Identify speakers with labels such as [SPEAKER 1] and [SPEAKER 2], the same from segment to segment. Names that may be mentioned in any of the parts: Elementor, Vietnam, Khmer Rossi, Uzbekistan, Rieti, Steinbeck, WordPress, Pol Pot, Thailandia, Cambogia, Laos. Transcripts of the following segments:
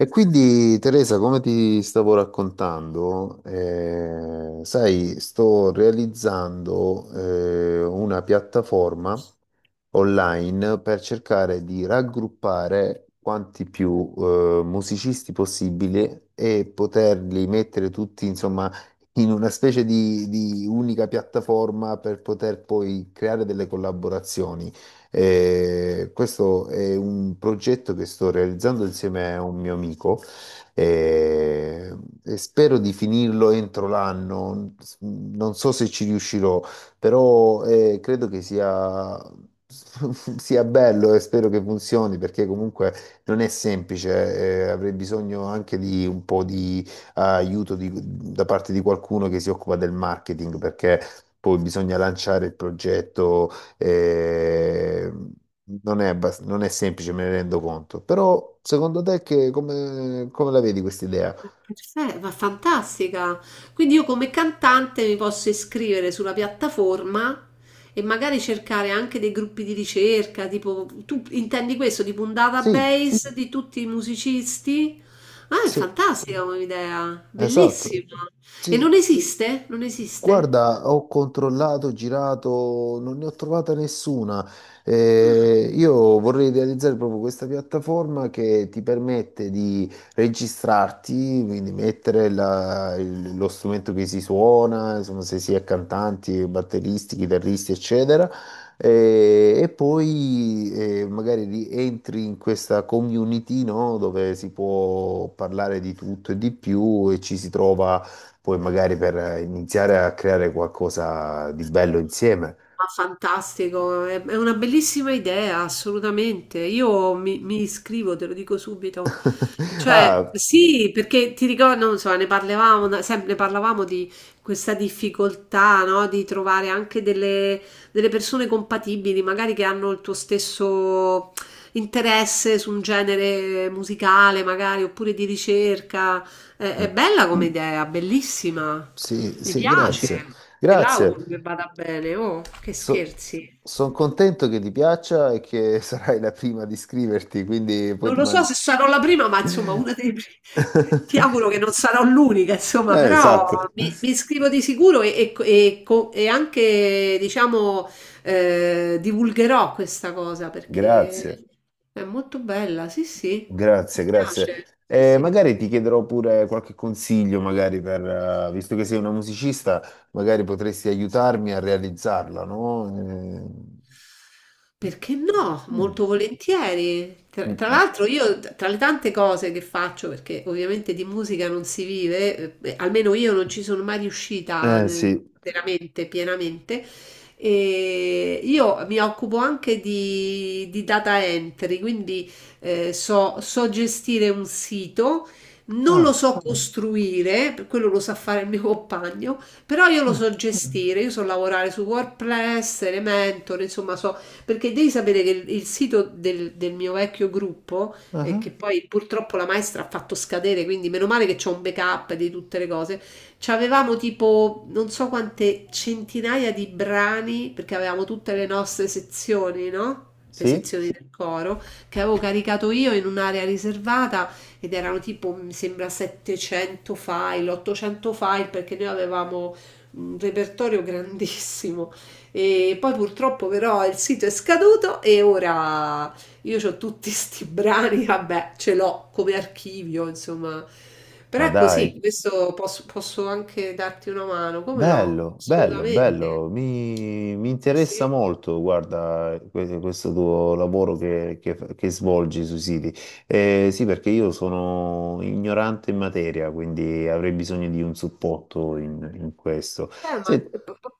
[SPEAKER 1] E quindi Teresa, come ti stavo raccontando, sai, sto realizzando una piattaforma online per cercare di raggruppare quanti più musicisti possibile e poterli mettere tutti, insomma, in una specie di unica piattaforma per poter poi creare delle collaborazioni. Questo è un progetto che sto realizzando insieme a un mio amico eh, e spero di finirlo entro l'anno. Non so se ci riuscirò, però credo che sia, sia bello e spero che funzioni perché comunque non è semplice. Avrei bisogno anche di un po' di aiuto da parte di qualcuno che si occupa del marketing perché poi bisogna lanciare il progetto eh, non è, non è semplice, me ne rendo conto. Però, secondo te, come la vedi questa idea?
[SPEAKER 2] Perfetto, ma fantastica. Quindi io come cantante mi posso iscrivere sulla piattaforma e magari cercare anche dei gruppi di ricerca, tipo tu intendi questo, tipo un
[SPEAKER 1] Sì,
[SPEAKER 2] database di tutti i musicisti? Ah, è
[SPEAKER 1] sì,
[SPEAKER 2] fantastica come idea,
[SPEAKER 1] esatto.
[SPEAKER 2] bellissima. E non
[SPEAKER 1] Sì,
[SPEAKER 2] esiste? Non esiste?
[SPEAKER 1] guarda, ho controllato, girato, non ne ho trovata nessuna. Io vorrei realizzare proprio questa piattaforma che ti permette di registrarti, quindi mettere lo strumento che si suona, insomma, se si è cantanti, batteristi, chitarristi, eccetera. Eh, E, poi magari entri in questa community, no? Dove si può parlare di tutto e di più e ci si trova poi magari per iniziare a creare qualcosa di bello insieme.
[SPEAKER 2] Ma fantastico, è una bellissima idea, assolutamente. Io mi iscrivo, te lo dico subito. Cioè,
[SPEAKER 1] Ah,
[SPEAKER 2] sì, perché ti ricordo, non so, ne parlavamo, sempre parlavamo di questa difficoltà, no? Di trovare anche delle persone compatibili, magari che hanno il tuo stesso interesse su un genere musicale, magari, oppure di ricerca. È
[SPEAKER 1] mm,
[SPEAKER 2] bella come idea, bellissima.
[SPEAKER 1] sì,
[SPEAKER 2] Mi
[SPEAKER 1] sì,
[SPEAKER 2] piace,
[SPEAKER 1] grazie.
[SPEAKER 2] te
[SPEAKER 1] Grazie.
[SPEAKER 2] l'auguro che vada bene, oh, che scherzi.
[SPEAKER 1] Sono contento che ti piaccia e che sarai la prima ad iscriverti, quindi poi
[SPEAKER 2] Non
[SPEAKER 1] ti
[SPEAKER 2] lo so
[SPEAKER 1] mando...
[SPEAKER 2] se sarò la prima, ma insomma, una dei primi. Ti auguro che non sarò l'unica, insomma, però
[SPEAKER 1] Esatto.
[SPEAKER 2] mi iscrivo di sicuro e e anche, diciamo, divulgherò questa cosa perché
[SPEAKER 1] Grazie.
[SPEAKER 2] è molto bella, sì, sì,
[SPEAKER 1] Grazie,
[SPEAKER 2] mi
[SPEAKER 1] grazie.
[SPEAKER 2] piace, sì,
[SPEAKER 1] Eh,
[SPEAKER 2] sì.
[SPEAKER 1] magari ti chiederò pure qualche consiglio, magari per, visto che sei una musicista, magari potresti aiutarmi a realizzarla, no?
[SPEAKER 2] Perché no?
[SPEAKER 1] Mm,
[SPEAKER 2] Molto volentieri. Tra,
[SPEAKER 1] mm,
[SPEAKER 2] tra
[SPEAKER 1] mm.
[SPEAKER 2] l'altro io, tra le tante cose che faccio, perché ovviamente di musica non si vive, beh, almeno io non ci sono mai riuscita
[SPEAKER 1] Eh, sì.
[SPEAKER 2] veramente, pienamente, e io mi occupo anche di data entry, quindi so gestire un sito, non lo
[SPEAKER 1] Ah,
[SPEAKER 2] so costruire, per quello lo sa fare il mio compagno, però io lo
[SPEAKER 1] ah,
[SPEAKER 2] so gestire, io so lavorare su WordPress, Elementor, insomma so perché devi sapere che il sito del mio vecchio gruppo,
[SPEAKER 1] ah, ah.
[SPEAKER 2] che poi purtroppo la maestra ha fatto scadere, quindi meno male che c'ho un backup di tutte le cose, c'avevamo tipo non so quante centinaia di brani, perché avevamo tutte le nostre sezioni, no? Le
[SPEAKER 1] Sì?
[SPEAKER 2] sezioni del coro che avevo caricato io in un'area riservata ed erano tipo, mi sembra, 700 file, 800 file perché noi avevamo un repertorio grandissimo e poi purtroppo però il sito è scaduto e ora io ho tutti sti brani, vabbè, ce l'ho come archivio, insomma. Però
[SPEAKER 1] Ma
[SPEAKER 2] è
[SPEAKER 1] dai.
[SPEAKER 2] così, questo posso, posso anche darti una mano, come no?
[SPEAKER 1] Bello, bello,
[SPEAKER 2] Assolutamente.
[SPEAKER 1] bello, mi
[SPEAKER 2] Sì, sì.
[SPEAKER 1] interessa molto, guarda, questo tuo lavoro che svolgi sui siti. Sì, perché io sono ignorante in materia, quindi avrei bisogno di un supporto in questo.
[SPEAKER 2] Eh, ma-
[SPEAKER 1] Se-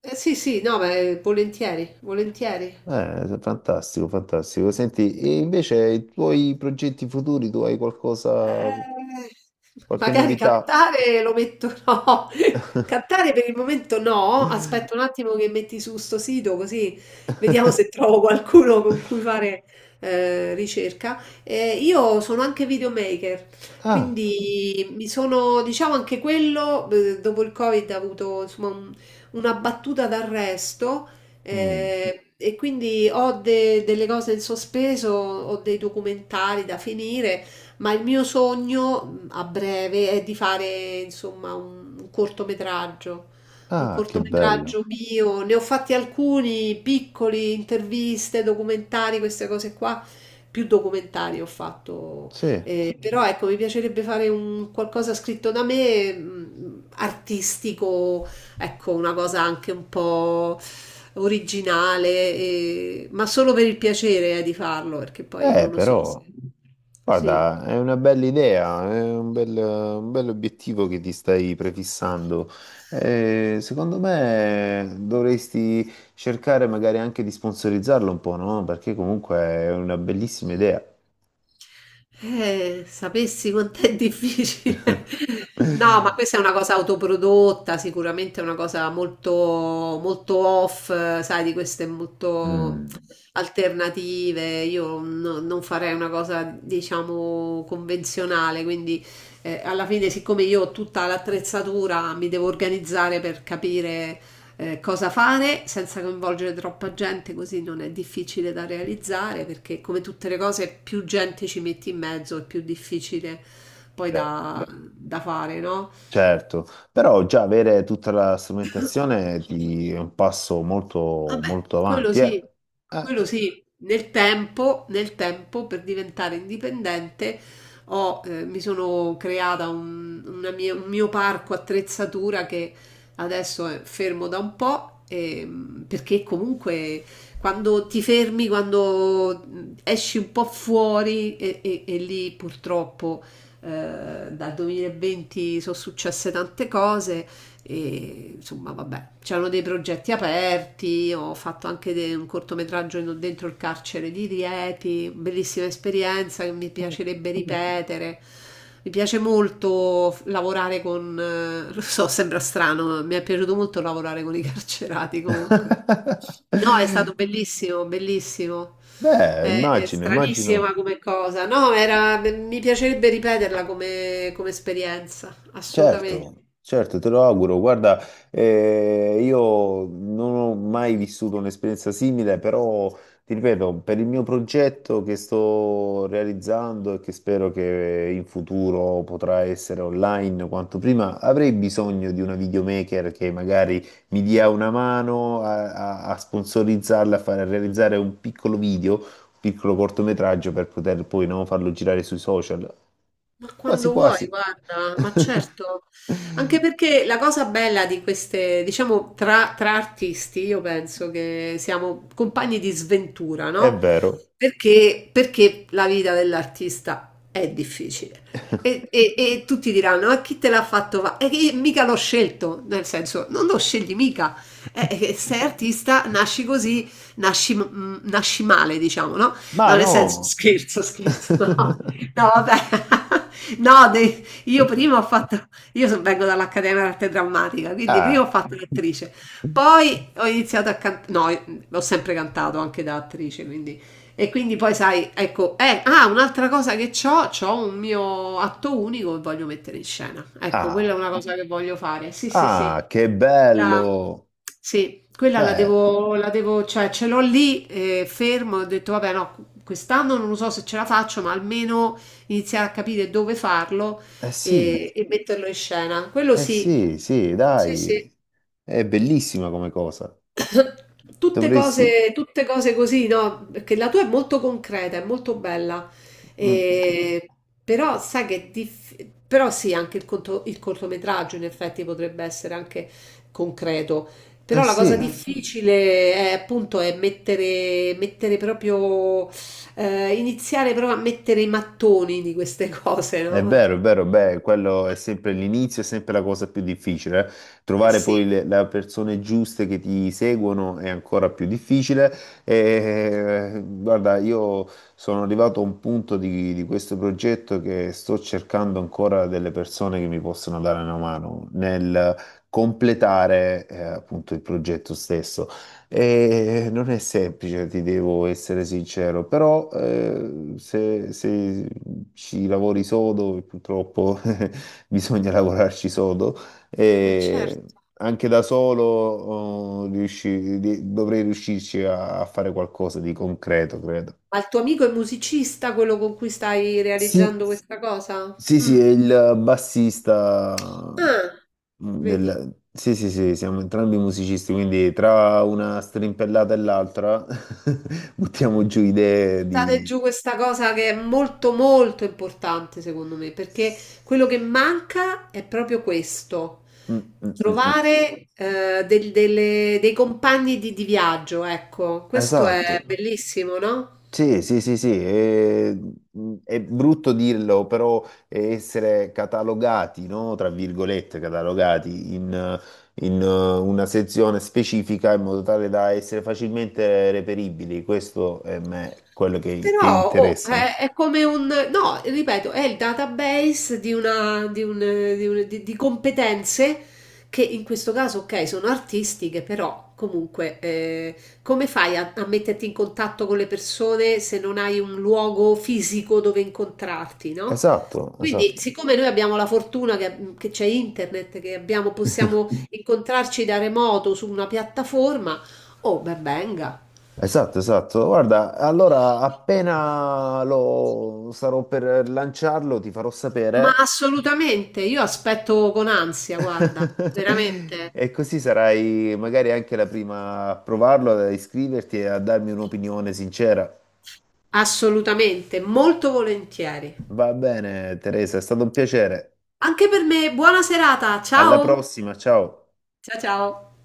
[SPEAKER 2] sì, sì, no, beh, volentieri, volentieri.
[SPEAKER 1] fantastico, fantastico. Senti, e invece i tuoi progetti futuri, tu hai qualcosa,
[SPEAKER 2] Eh,
[SPEAKER 1] qualche
[SPEAKER 2] magari
[SPEAKER 1] novità?
[SPEAKER 2] cantare lo metto no. Cantare per il momento no. Aspetto un attimo che metti su sto sito così vediamo se trovo qualcuno con cui fare ricerca. Io sono anche videomaker,
[SPEAKER 1] Ah,
[SPEAKER 2] quindi mi sono, diciamo anche quello, dopo il Covid ha avuto insomma una battuta d'arresto.
[SPEAKER 1] mm,
[SPEAKER 2] E quindi ho delle cose in sospeso, ho dei documentari da finire, ma il mio sogno a breve è di fare insomma un
[SPEAKER 1] ah, che bello.
[SPEAKER 2] cortometraggio mio. Ne ho fatti alcuni piccoli, interviste, documentari, queste cose qua. Più documentari ho fatto,
[SPEAKER 1] Sì,
[SPEAKER 2] però ecco, mi piacerebbe fare un qualcosa scritto da me, artistico, ecco, una cosa anche un po' originale, ma solo per il piacere, di farlo, perché poi non lo so se...
[SPEAKER 1] però.
[SPEAKER 2] Sì.
[SPEAKER 1] Guarda, è una bella idea, è un bel obiettivo che ti stai prefissando. Secondo me dovresti cercare magari anche di sponsorizzarlo un po', no? Perché comunque è una bellissima idea.
[SPEAKER 2] Sapessi quanto è difficile. No, ma questa è una cosa autoprodotta, sicuramente è una cosa molto, molto off, sai, di queste molto
[SPEAKER 1] Mm,
[SPEAKER 2] alternative. Io non farei una cosa, diciamo, convenzionale, quindi alla fine, siccome io ho tutta l'attrezzatura, mi devo organizzare per capire cosa fare senza coinvolgere troppa gente, così non è difficile da realizzare perché come tutte le cose più gente ci metti in mezzo è più difficile poi
[SPEAKER 1] beh,
[SPEAKER 2] da fare, no?
[SPEAKER 1] certo, però già avere tutta la strumentazione è un passo molto, molto
[SPEAKER 2] Quello
[SPEAKER 1] avanti, eh.
[SPEAKER 2] sì,
[SPEAKER 1] Eh.
[SPEAKER 2] quello sì, nel tempo per diventare indipendente ho, mi sono creata un mio parco attrezzatura che adesso è fermo da un po', perché comunque quando ti fermi, quando esci un po' fuori e lì purtroppo dal 2020 sono successe tante cose e, insomma, vabbè, c'erano dei progetti aperti, ho fatto anche un cortometraggio dentro il carcere di Rieti, bellissima esperienza che mi piacerebbe ripetere. Mi piace molto lavorare con, lo so, sembra strano, ma mi è piaciuto molto lavorare con i carcerati comunque. No, è stato bellissimo, bellissimo.
[SPEAKER 1] Beh,
[SPEAKER 2] È
[SPEAKER 1] immagino,
[SPEAKER 2] stranissima
[SPEAKER 1] immagino.
[SPEAKER 2] come cosa. No, era, mi piacerebbe ripeterla come, come esperienza, assolutamente.
[SPEAKER 1] Certo, certo, te lo auguro. Guarda, io non ho mai vissuto un'esperienza simile, però ti ripeto, per il mio progetto che sto realizzando e che spero che in futuro potrà essere online quanto prima, avrei bisogno di una videomaker che magari mi dia una mano a sponsorizzarla, a fare, a realizzare un piccolo video, un piccolo cortometraggio per poter poi no, farlo girare sui social.
[SPEAKER 2] Ma
[SPEAKER 1] Quasi
[SPEAKER 2] quando vuoi,
[SPEAKER 1] quasi.
[SPEAKER 2] guarda, ma certo, anche perché la cosa bella di queste, diciamo, tra artisti, io penso che siamo compagni di sventura,
[SPEAKER 1] È
[SPEAKER 2] no?
[SPEAKER 1] vero.
[SPEAKER 2] Perché la vita dell'artista è difficile. E tutti diranno, ma chi te l'ha fatto? E che mica l'ho scelto, nel senso, non lo scegli mica. Sei artista, nasci così, nasci, mm, nasci male, diciamo, no? No,
[SPEAKER 1] Ma
[SPEAKER 2] nel senso,
[SPEAKER 1] no!
[SPEAKER 2] scherzo, scherzo. No, vabbè. No, io prima ho fatto, vengo dall'Accademia d'Arte Drammatica, quindi prima ho
[SPEAKER 1] Ah,
[SPEAKER 2] fatto l'attrice, poi ho iniziato a cantare, no, ho sempre cantato anche da attrice, quindi, e quindi poi sai, ecco, un'altra cosa che ho, ho un mio atto unico che voglio mettere in scena, ecco, quella è
[SPEAKER 1] ah,
[SPEAKER 2] una cosa che voglio fare, sì, sì, sì,
[SPEAKER 1] ah, che
[SPEAKER 2] la
[SPEAKER 1] bello!
[SPEAKER 2] sì, quella
[SPEAKER 1] Beh,
[SPEAKER 2] la devo cioè ce l'ho lì, fermo, ho detto: "Vabbè no, quest'anno non lo so se ce la faccio, ma almeno iniziare a capire dove farlo
[SPEAKER 1] eh sì,
[SPEAKER 2] e metterlo in scena." Quello
[SPEAKER 1] eh
[SPEAKER 2] sì,
[SPEAKER 1] sì, sì,
[SPEAKER 2] sì, sì.
[SPEAKER 1] dai, è bellissima come cosa. Dovresti...
[SPEAKER 2] Tutte cose così, no? Perché la tua è molto concreta, è molto bella.
[SPEAKER 1] mm,
[SPEAKER 2] E- Però sai che è però sì, anche il, il cortometraggio in effetti potrebbe essere anche concreto.
[SPEAKER 1] Eh
[SPEAKER 2] Però la
[SPEAKER 1] sì.
[SPEAKER 2] cosa Mm. difficile è appunto è mettere, mettere proprio, iniziare proprio a mettere i mattoni di queste cose, no?
[SPEAKER 1] È vero, beh, quello è sempre l'inizio, è sempre la cosa più difficile. Eh.
[SPEAKER 2] Eh
[SPEAKER 1] Trovare poi
[SPEAKER 2] sì.
[SPEAKER 1] le persone giuste che ti seguono è ancora più difficile. E, guarda, io sono arrivato a un punto di questo progetto che sto cercando ancora delle persone che mi possono dare una mano nel completare, appunto il progetto stesso. E non è semplice, ti devo essere sincero, però se ci lavori sodo, e purtroppo bisogna lavorarci sodo, eh,
[SPEAKER 2] Certo.
[SPEAKER 1] anche da solo oh, dovrei riuscirci a, fare qualcosa di concreto, credo.
[SPEAKER 2] Ma il tuo amico è musicista, quello con cui stai
[SPEAKER 1] Sì,
[SPEAKER 2] realizzando questa cosa?
[SPEAKER 1] sì, sì,
[SPEAKER 2] Mm.
[SPEAKER 1] è il bassista
[SPEAKER 2] Ah, Vedi,
[SPEAKER 1] del... Sì, sì, sì, siamo entrambi musicisti, quindi tra una strimpellata e l'altra buttiamo giù idee
[SPEAKER 2] buttate
[SPEAKER 1] di...
[SPEAKER 2] giù questa cosa che è molto molto importante secondo me, perché quello che manca è proprio questo,
[SPEAKER 1] Mm, mm, mm, mm.
[SPEAKER 2] trovare dei compagni di viaggio, ecco, questo è
[SPEAKER 1] Esatto.
[SPEAKER 2] bellissimo, no?
[SPEAKER 1] Sì, sì, sì, sì, è brutto dirlo, però essere catalogati, no? Tra virgolette, catalogati in una sezione specifica in modo tale da essere facilmente reperibili, questo è quello che
[SPEAKER 2] Però oh,
[SPEAKER 1] interessa, no?
[SPEAKER 2] è come un, no, ripeto, è il database di, una, di, un, di, un- di competenze che in questo caso, ok, sono artistiche, però comunque come fai a metterti in contatto con le persone se non hai un luogo fisico dove incontrarti, no?
[SPEAKER 1] Esatto,
[SPEAKER 2] Quindi,
[SPEAKER 1] esatto.
[SPEAKER 2] siccome noi abbiamo la fortuna che c'è internet, possiamo incontrarci da remoto su una piattaforma, oh, ben venga.
[SPEAKER 1] Esatto, esatto. Guarda, allora appena lo sarò per lanciarlo ti farò
[SPEAKER 2] Ma
[SPEAKER 1] sapere.
[SPEAKER 2] assolutamente, io aspetto con ansia, guarda, veramente,
[SPEAKER 1] E così sarai magari anche la prima a provarlo, ad iscriverti e a darmi un'opinione sincera.
[SPEAKER 2] assolutamente, molto volentieri.
[SPEAKER 1] Va bene, Teresa, è stato un piacere.
[SPEAKER 2] Anche per me, buona serata,
[SPEAKER 1] Alla
[SPEAKER 2] ciao!
[SPEAKER 1] prossima, ciao.
[SPEAKER 2] Ciao ciao!